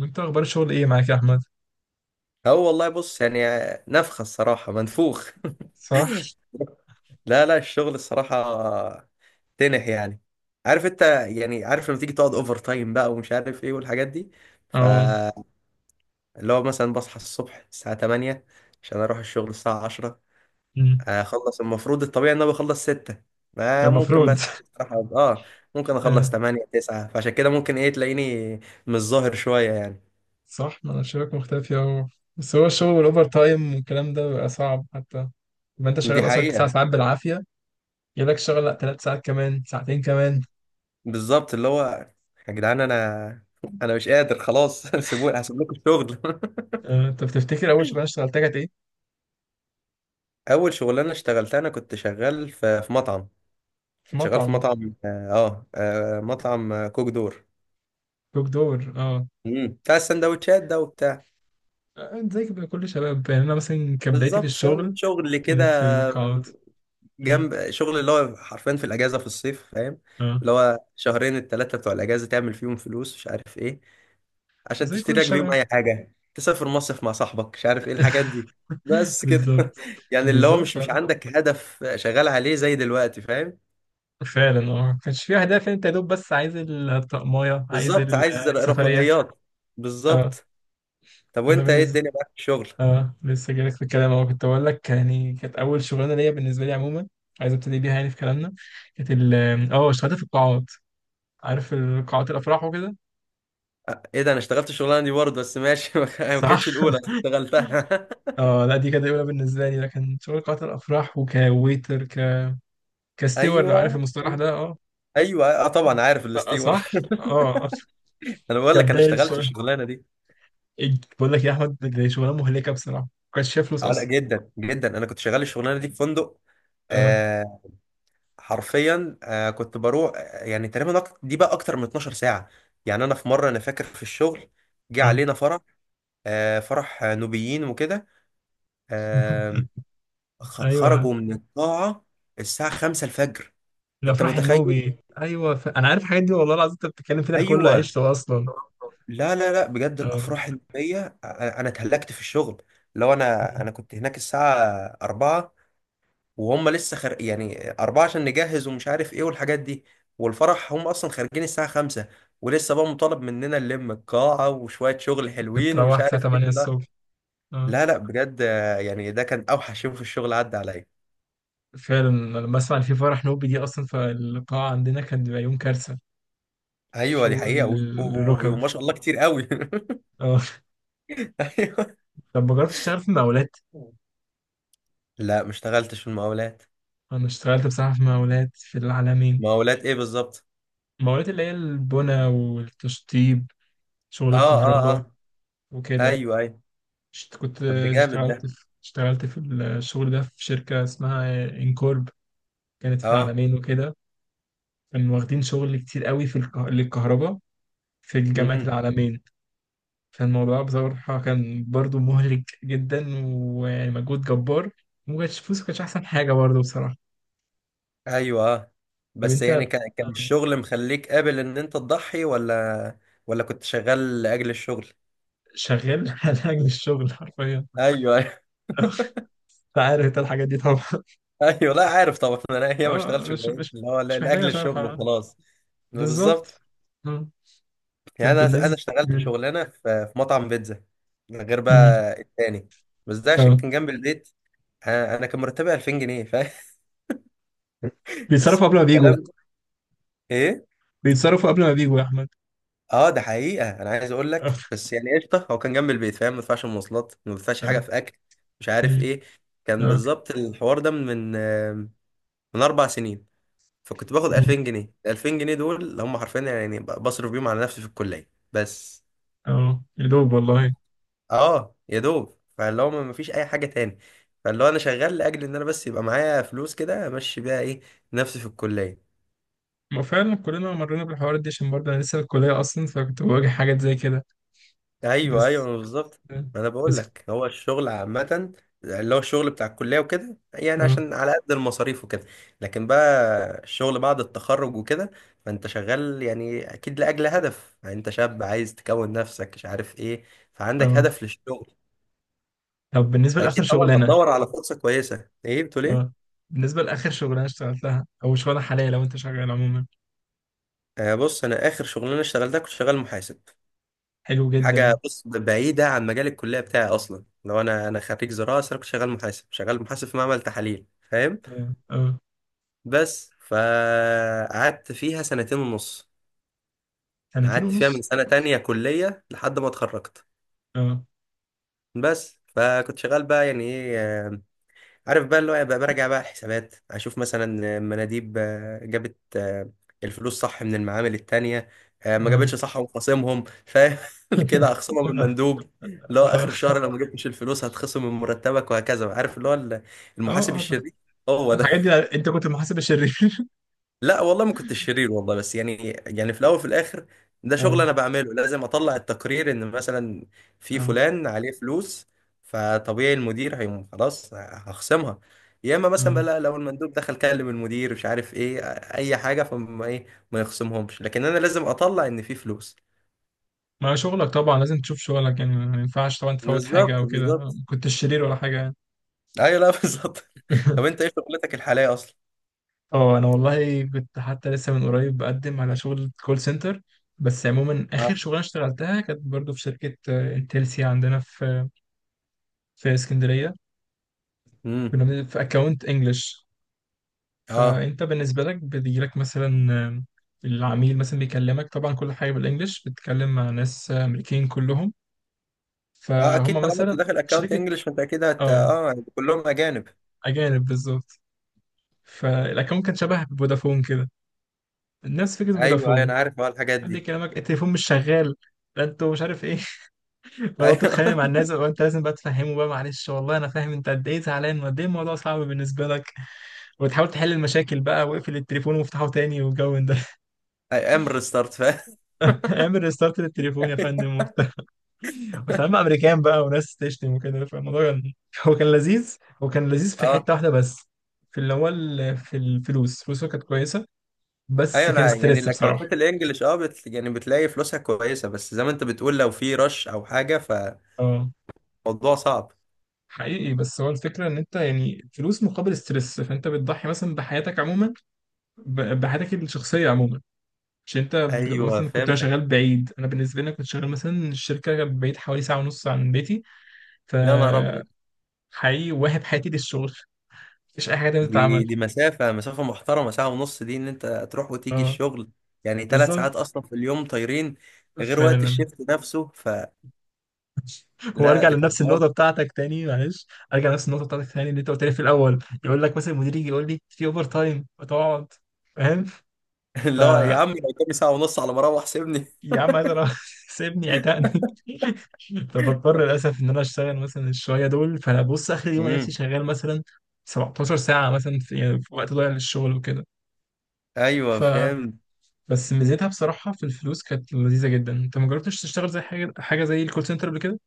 انت اخبار الشغل ايه معاك يا احمد؟ هو والله بص يعني نفخة الصراحة منفوخ صح. لا لا الشغل الصراحة تنح يعني. عارف انت. يعني عارف لما تيجي تقعد اوفر تايم بقى ومش عارف ايه والحاجات دي. اه. فاللي هو مثلا بصحى الصبح الساعة 8 عشان اروح الشغل الساعة 10. مم. اخلص المفروض الطبيعي ان انا بخلص 6. ده ما ممكن بقى المفروض. ساعات الصراحة ممكن آه. اخلص 8 9، فعشان كده ممكن ايه تلاقيني مش ظاهر شوية يعني. صح، ما انا شايفك مختفي اهو. بس هو الشغل والاوفر تايم والكلام ده بيبقى صعب، حتى لما انت دي شغال اصلا تسع حقيقة. ساعات بالعافيه جالك شغل، لا 3 ساعات كمان ساعتين كمان. بالظبط اللي هو يا جدعان انا مش قادر خلاص سيبوني هسيب لكم الشغل آه. انت بتفتكر اول شغلانه اشتغلتها كانت ايه؟ اول شغلانه اشتغلتها انا كنت شغال في مطعم. في كنت شغال في مطعم. مطعم مطعم كوك دور. دوك دور. اه. مم. بتاع السندوتشات ده وبتاع. زي كده كل شباب، يعني انا مثلا كبدايتي في بالظبط فاهم الشغل شغل كده، كانت في القاعات. مم. جنب شغل اللي هو حرفيا في الاجازه في الصيف فاهم. اه. اللي هو شهرين الثلاثه بتوع الاجازه تعمل فيهم فلوس مش عارف ايه، عشان زي كل تشتري لك بيهم الشباب. اي حاجه، تسافر مصيف مع صاحبك مش عارف ايه الحاجات دي. بس كده بالظبط. يعني اللي هو مش بالظبط. عندك هدف شغال عليه زي دلوقتي فاهم. فعلا، ما كانش فيه اهداف، انت يا دوب بس عايز الطقمايه عايز بالظبط، عايز السفريه. رفاهيات. اه. بالظبط. طب انا وانت ايه بالنسبه الدنيا معاك في الشغل؟ اه لسه جايلك في الكلام اهو، كنت بقول لك يعني كانت اول شغلانه ليا بالنسبه لي عموما، عايز ابتدي بيها يعني في كلامنا. كانت ال اه اشتغلت في القاعات، عارف القاعات الافراح وكده. ايه ده، انا اشتغلت الشغلانه دي برضه بس ماشي ما صح. كانتش الاولى بس اشتغلتها اه لا دي كانت اولى بالنسبه لي، لكن شغل قاعات الافراح وكويتر ك كستيور لو عارف ايوه المصطلح ده. اه. ايوه، اه طبعا عارف لا الاستيور صح. اه. انا بقول لك انا كبدايه اشتغلت الشغل. الشغلانه دي. بقول لك يا احمد، دي شغلانه مهلكه بصراحه ما كانش فيها فلوس اه لا، اصلا. جدا جدا، انا كنت شغال الشغلانه دي في فندق. اه. آه، حرفيا كنت بروح. يعني تقريبا دي بقى اكتر من 12 ساعة. يعني انا في مرة انا فاكر في الشغل جه اه. علينا فرح. فرح نوبيين وكده. آه. ايوه. خرجوا من القاعة الساعة 5 الفجر. انت الافراح متخيل؟ النوبي ايوه... ف... انا عارف الحاجات دي والله العظيم، انت بتتكلم فيها انا كله ايوه. عشته اصلا. لا لا لا بجد، اه. الافراح النوبية انا اتهلكت في الشغل. لو انا كنت هناك الساعة 4، وهم لسه يعني أربعة عشان نجهز ومش عارف إيه والحاجات دي، والفرح هم أصلا خارجين الساعة خمسة، ولسه بقى مطالب مننا نلم القاعة وشوية شغل حلوين بتروح ومش الساعه عارف إيه. 8 لا الصبح. اه. لا لا بجد يعني ده كان أوحش يوم في الشغل عدى عليا. فعلا، أنا لما اسمع ان في فرح نوبي دي اصلا فالقاعه عندنا كان بيبقى يوم كارثه. أيوه دي شغل حقيقة للركب. وما شاء الله كتير قوي اه. أيوه. طب ما جربتش تشتغل في مقاولات؟ لا ما اشتغلتش في المقاولات. انا اشتغلت بصراحه في مقاولات في العالمين. مقاولات إيه بالظبط؟ المقاولات اللي هي البنى والتشطيب، شغل أه أه الكهرباء أه. وكده. أيوه أيوه. كنت طب ده جامد اشتغلت ده. في الشغل ده في شركة اسمها انكورب، كانت في أه. العالمين وكده. كانوا واخدين شغل كتير قوي في للكهرباء في الجامعة مم. العالمين. فالموضوع بصراحة كان برضو مهلك جدا ومجهود جبار، ومكانش فلوس، كانش أحسن حاجة برضو بصراحة. ايوه، طب بس أنت يعني كان الشغل مخليك قابل ان انت تضحي، ولا ولا كنت شغال لاجل الشغل. شغال على أجل الشغل حرفيا. ايوه ايوه أنت عارف أنت الحاجات دي طبعا. ايوه لا، عارف طبعا. انا هي ما اه اشتغلتش اللي هو مش محتاجة لاجل شرح. الشغل آه. وخلاص. بالظبط. بالظبط. آه. يعني طب انا بالنسبة. اشتغلت مم. شغلانه في في مطعم بيتزا، غير مم. بقى التاني. بس ده عشان اه. كان جنب البيت. آه، انا كان مرتبي 2000 جنيه فاهم بيتصرفوا بس قبل ما بيجوا، الكلام ايه. بيتصرفوا قبل ما بيجوا يا احمد. اه ده حقيقة، انا عايز اقول لك بس يعني قشطة هو كان جنب البيت فاهم، ما بدفعش مواصلات، ما بدفعش حاجة اه. في اكل مش عارف أمم. ايه. كان اه. بالظبط الحوار ده من من 4 سنين. فكنت باخد أمم. 2000 جنيه. 2000 جنيه دول اللي هم حرفيا يعني بصرف بيهم على نفسي في الكلية بس. اه يا دوب والله. اه يا دوب، فاللي هو ما فيش اي حاجة تاني. فاللي هو انا شغال لاجل ان انا بس يبقى معايا فلوس كده امشي بيها ايه نفسي في الكلية. ما فعلا كلنا مرينا بالحوارات دي، عشان برضه انا لسه في الكليه اصلا، فكنت بواجه حاجات زي كده. ايوه ايوه، بس. ما بالظبط. ما انا بقول بس. لك هو الشغل عامه اللي هو الشغل بتاع الكليه وكده يعني اه. عشان على قد المصاريف وكده. لكن بقى الشغل بعد التخرج وكده، فانت شغال يعني اكيد لاجل هدف، يعني انت شاب عايز تكون نفسك مش عارف ايه، فعندك اه. هدف للشغل. طب بالنسبه لاخر فاكيد طبعا شغلانه. هتدور على فرصه كويسه. ايه بتقول اه ايه؟ بالنسبه لاخر شغلانه اشتغلتها او شغلانه حاليا لو انت شغال عموما. بص، انا اخر شغلانه اشتغلتها كنت شغال محاسب. حلو حاجه جدا. بص بعيده عن مجال الكليه بتاعي اصلا، لو انا خريج زراعه بس انا كنت شغال محاسب، شغال محاسب في معمل تحاليل فاهم. اه. اه. بس فقعدت فيها سنتين ونص. سنتين قعدت فيها ونص. من سنة تانية كلية لحد ما اتخرجت. اه. بس فكنت شغال بقى يعني ايه عارف بقى اللي هو بقى براجع بقى الحسابات، اشوف مثلا مناديب جابت الفلوس صح من المعامل التانية، ما اه. جابتش صح وخصمهم فاهم كده. اخصمها من المندوب اللي هو اخر اه. الشهر لو ما جبتش الفلوس هتخصم من مرتبك وهكذا، عارف اللي هو اه. المحاسب آه. الشرير. هو ده. الحاجات دي. انت كنت المحاسب الشرير؟ لا والله ما كنت شرير والله، بس يعني يعني في الاول وفي الاخر ده شغل اه. انا بعمله. لازم اطلع التقرير ان مثلا في اه. فلان عليه فلوس، فطبيعي المدير هيقوم خلاص هخصمها. يا اما مثلا بقى مم. لا، لو المندوب دخل كلم المدير مش عارف ايه اي حاجه فما ايه ما يخصمهمش، لكن انا لازم اطلع ان في فلوس. ما شغلك طبعا لازم تشوف شغلك، يعني ما ينفعش طبعا تفوت حاجة بالظبط أو كده، ما بالظبط. كنتش شرير ولا حاجة يعني. ايوه لا بالظبط. طب انت ايه شغلتك الحاليه اصلا؟ اه أنا والله كنت حتى لسه من قريب بقدم على شغل كول سنتر. بس عموما آخر اه. شغلانة اشتغلتها كانت برضو في شركة انتلسيا عندنا في اسكندرية. امم كنا في أكاونت إنجلش. اه فأنت بالنسبة لك بيجيلك مثلا العميل مثلا بيكلمك طبعا كل حاجة بالإنجلش، بتتكلم مع ناس أمريكان كلهم. اه، اكيد فهم طالما انت مثلا داخل اكونت شركة. انجلش فانت اكيد هت اه. اه كلهم اجانب. أجانب بالظبط. فالاكونت كان شبه فودافون كده، نفس فكره ايوه ايوه، انا فودافون. عارف الحاجات حد دي. يكلمك التليفون مش شغال، لا انتوا مش عارف ايه. بدات ايوه تتخانق مع الناس وانت لازم بقى تفهمه بقى، معلش والله انا فاهم انت قد ايه زعلان وقد ايه الموضوع صعب بالنسبه لك، وتحاول تحل المشاكل بقى واقفل التليفون وافتحه تاني والجو من ده. اي ام ريستارت فاهم. اعمل ريستارت للتليفون يا فندم وبتاع، وسلام امريكان بقى وناس تشتم وكده، فالموضوع كان هو كان لذيذ. هو كان لذيذ في اه حته واحده بس، في اللي هو في الفلوس، فلوسه كانت كويسه. بس ايوه، كان انا يعني ستريس بصراحه. الاكونتات الانجليش يعني بتلاقي فلوسها كويسه، بس زي ما انت بتقول لو في رش او حاجه اه. فموضوع صعب. حقيقي. بس هو الفكرة إن أنت يعني فلوس مقابل ستريس، فأنت بتضحي مثلا بحياتك عموما، بحياتك الشخصية عموما. مش أنت بتبقى ايوه مثلا، كنت أنا فهمتك. شغال بعيد، أنا بالنسبة لي أنا كنت شغال مثلا الشركة بعيد حوالي ساعة ونص عن بيتي. ف يا نهار ابيض. حقيقي واهب حياتي للشغل، مفيش أي حاجة تانية دي تتعمل. دي مسافه محترمه، ساعه ونص دي ان انت تروح وتيجي أه. الشغل، يعني 3 ساعات بالظبط. اصلا في اليوم طايرين، غير وقت فعلا. الشيفت نفسه، فلا. هو أرجع ده كان لنفس حوار النقطة بتاعتك تاني معلش، أرجع لنفس النقطة بتاعتك تاني اللي أنت قلت لي في الأول. يقول لك مثلا المدير يجي يقول لي في أوفر تايم وتقعد، فاهم. ف اللي هو يا عم لو كان ساعه ونص على ما اروح سيبني. يا عم عايز اروح سيبني عتقني. فبضطر للاسف ان انا اشتغل مثلا الشويه دول، فانا بص اخر يوم ألاقي نفسي امم شغال مثلا 17 ساعه مثلا في، يعني في وقت ضايع للشغل وكده. ايوه ف فهمت. بس ميزتها بصراحه في الفلوس كانت لذيذه جدا. انت ما جربتش تشتغل زي حاجه حاجه زي الكول سنتر قبل كده؟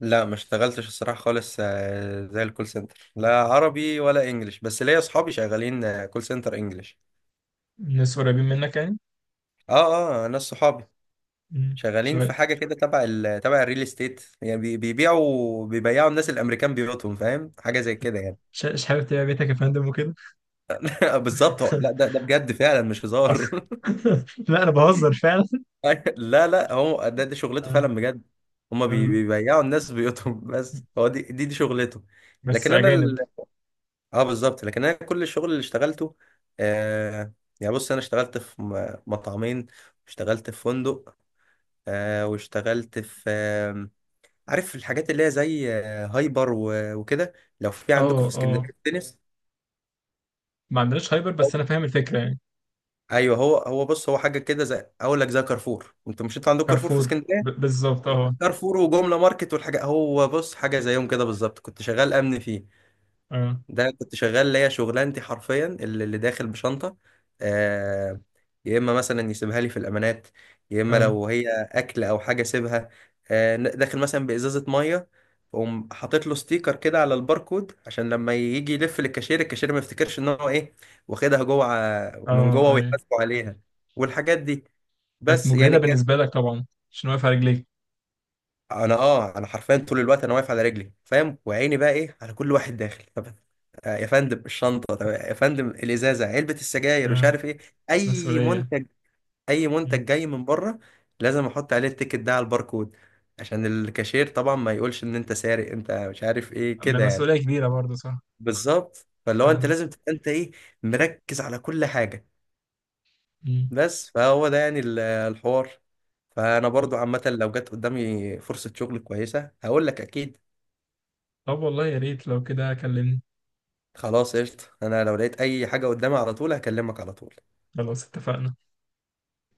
لا ما اشتغلتش الصراحة خالص زي الكول سنتر، لا عربي ولا انجليش، بس ليا صحابي شغالين كول سنتر انجليش. الناس قريبين منك يعني. اه اه، ناس صحابي مم. شغالين شغال. في حاجة كده تبع تبع الريل استيت، يعني بيبيعوا الناس الامريكان بيوتهم فاهم، حاجة زي كده يعني. مش حابب تبيع بيتك يا فندم وكده. بالظبط لا ده بجد فعلا مش هزار لا انا بهزر فعلا. لا لا هو ده دي شغلته آه. فعلا بجد. هما آه. بيبيعوا الناس بيوتهم، بس هو دي شغلته. بس لكن انا، اجانب. اه بالظبط، لكن انا كل الشغل اللي اشتغلته آه، يعني بص انا اشتغلت في مطعمين، اشتغلت في فندق واشتغلت في عارف الحاجات اللي هي زي هايبر وكده، لو في عندكم في اه. اسكندريه اه. تنس. ما عندناش هايبر، بس انا فاهم الفكره يعني. ايوه هو، بص هو حاجه كده زي اقول لك زي كارفور. انتوا مش، انتوا عندكم كارفور في كارفور. اسكندريه؟ بالظبط اه. كارفور وجمله ماركت والحاجه. هو بص حاجه زيهم كده بالظبط، كنت شغال امن فيه. اه. ده كنت شغال ليا شغلانتي حرفيا اللي داخل بشنطة آه، يا إما مثلا يسيبها لي في الأمانات، يا إما اه. لو هي أكل أو حاجة سيبها داخل مثلا بإزازة مية، أقوم حاطط له ستيكر كده على الباركود عشان لما يجي يلف للكاشير، الكاشير ما يفتكرش إن هو إيه واخدها جوه من اه. جوه ايوه. ويحاسبوا عليها والحاجات دي. كانت بس يعني مجهدة كانت. بالنسبة لك طبعا، عشان واقف على رجليك. انا انا حرفيا طول الوقت انا واقف على رجلي فاهم، وعيني بقى ايه على كل واحد داخل. طب يا فندم الشنطه، طب يا فندم الازازه، علبه السجاير مش اه. عارف ايه، اي مسؤولية. منتج اي منتج مم. جاي من بره لازم احط عليه التيكت ده على الباركود، عشان الكاشير طبعا ما يقولش ان انت سارق انت مش عارف ايه أما كده يعني. مسؤولية كبيرة برضه، صح. بالظبط، فاللي هو انت فعلا. لازم تبقى انت ايه مركز على كل حاجه. مم. بس فهو ده يعني الحوار. فانا طب. برضو عامه لو جت قدامي فرصه شغل كويسه هقول لك اكيد. طب والله يا ريت لو كده كلمني. خلاص قشطة، انا لو لقيت اي حاجة قدامي على طول هكلمك على طول. خلاص اتفقنا.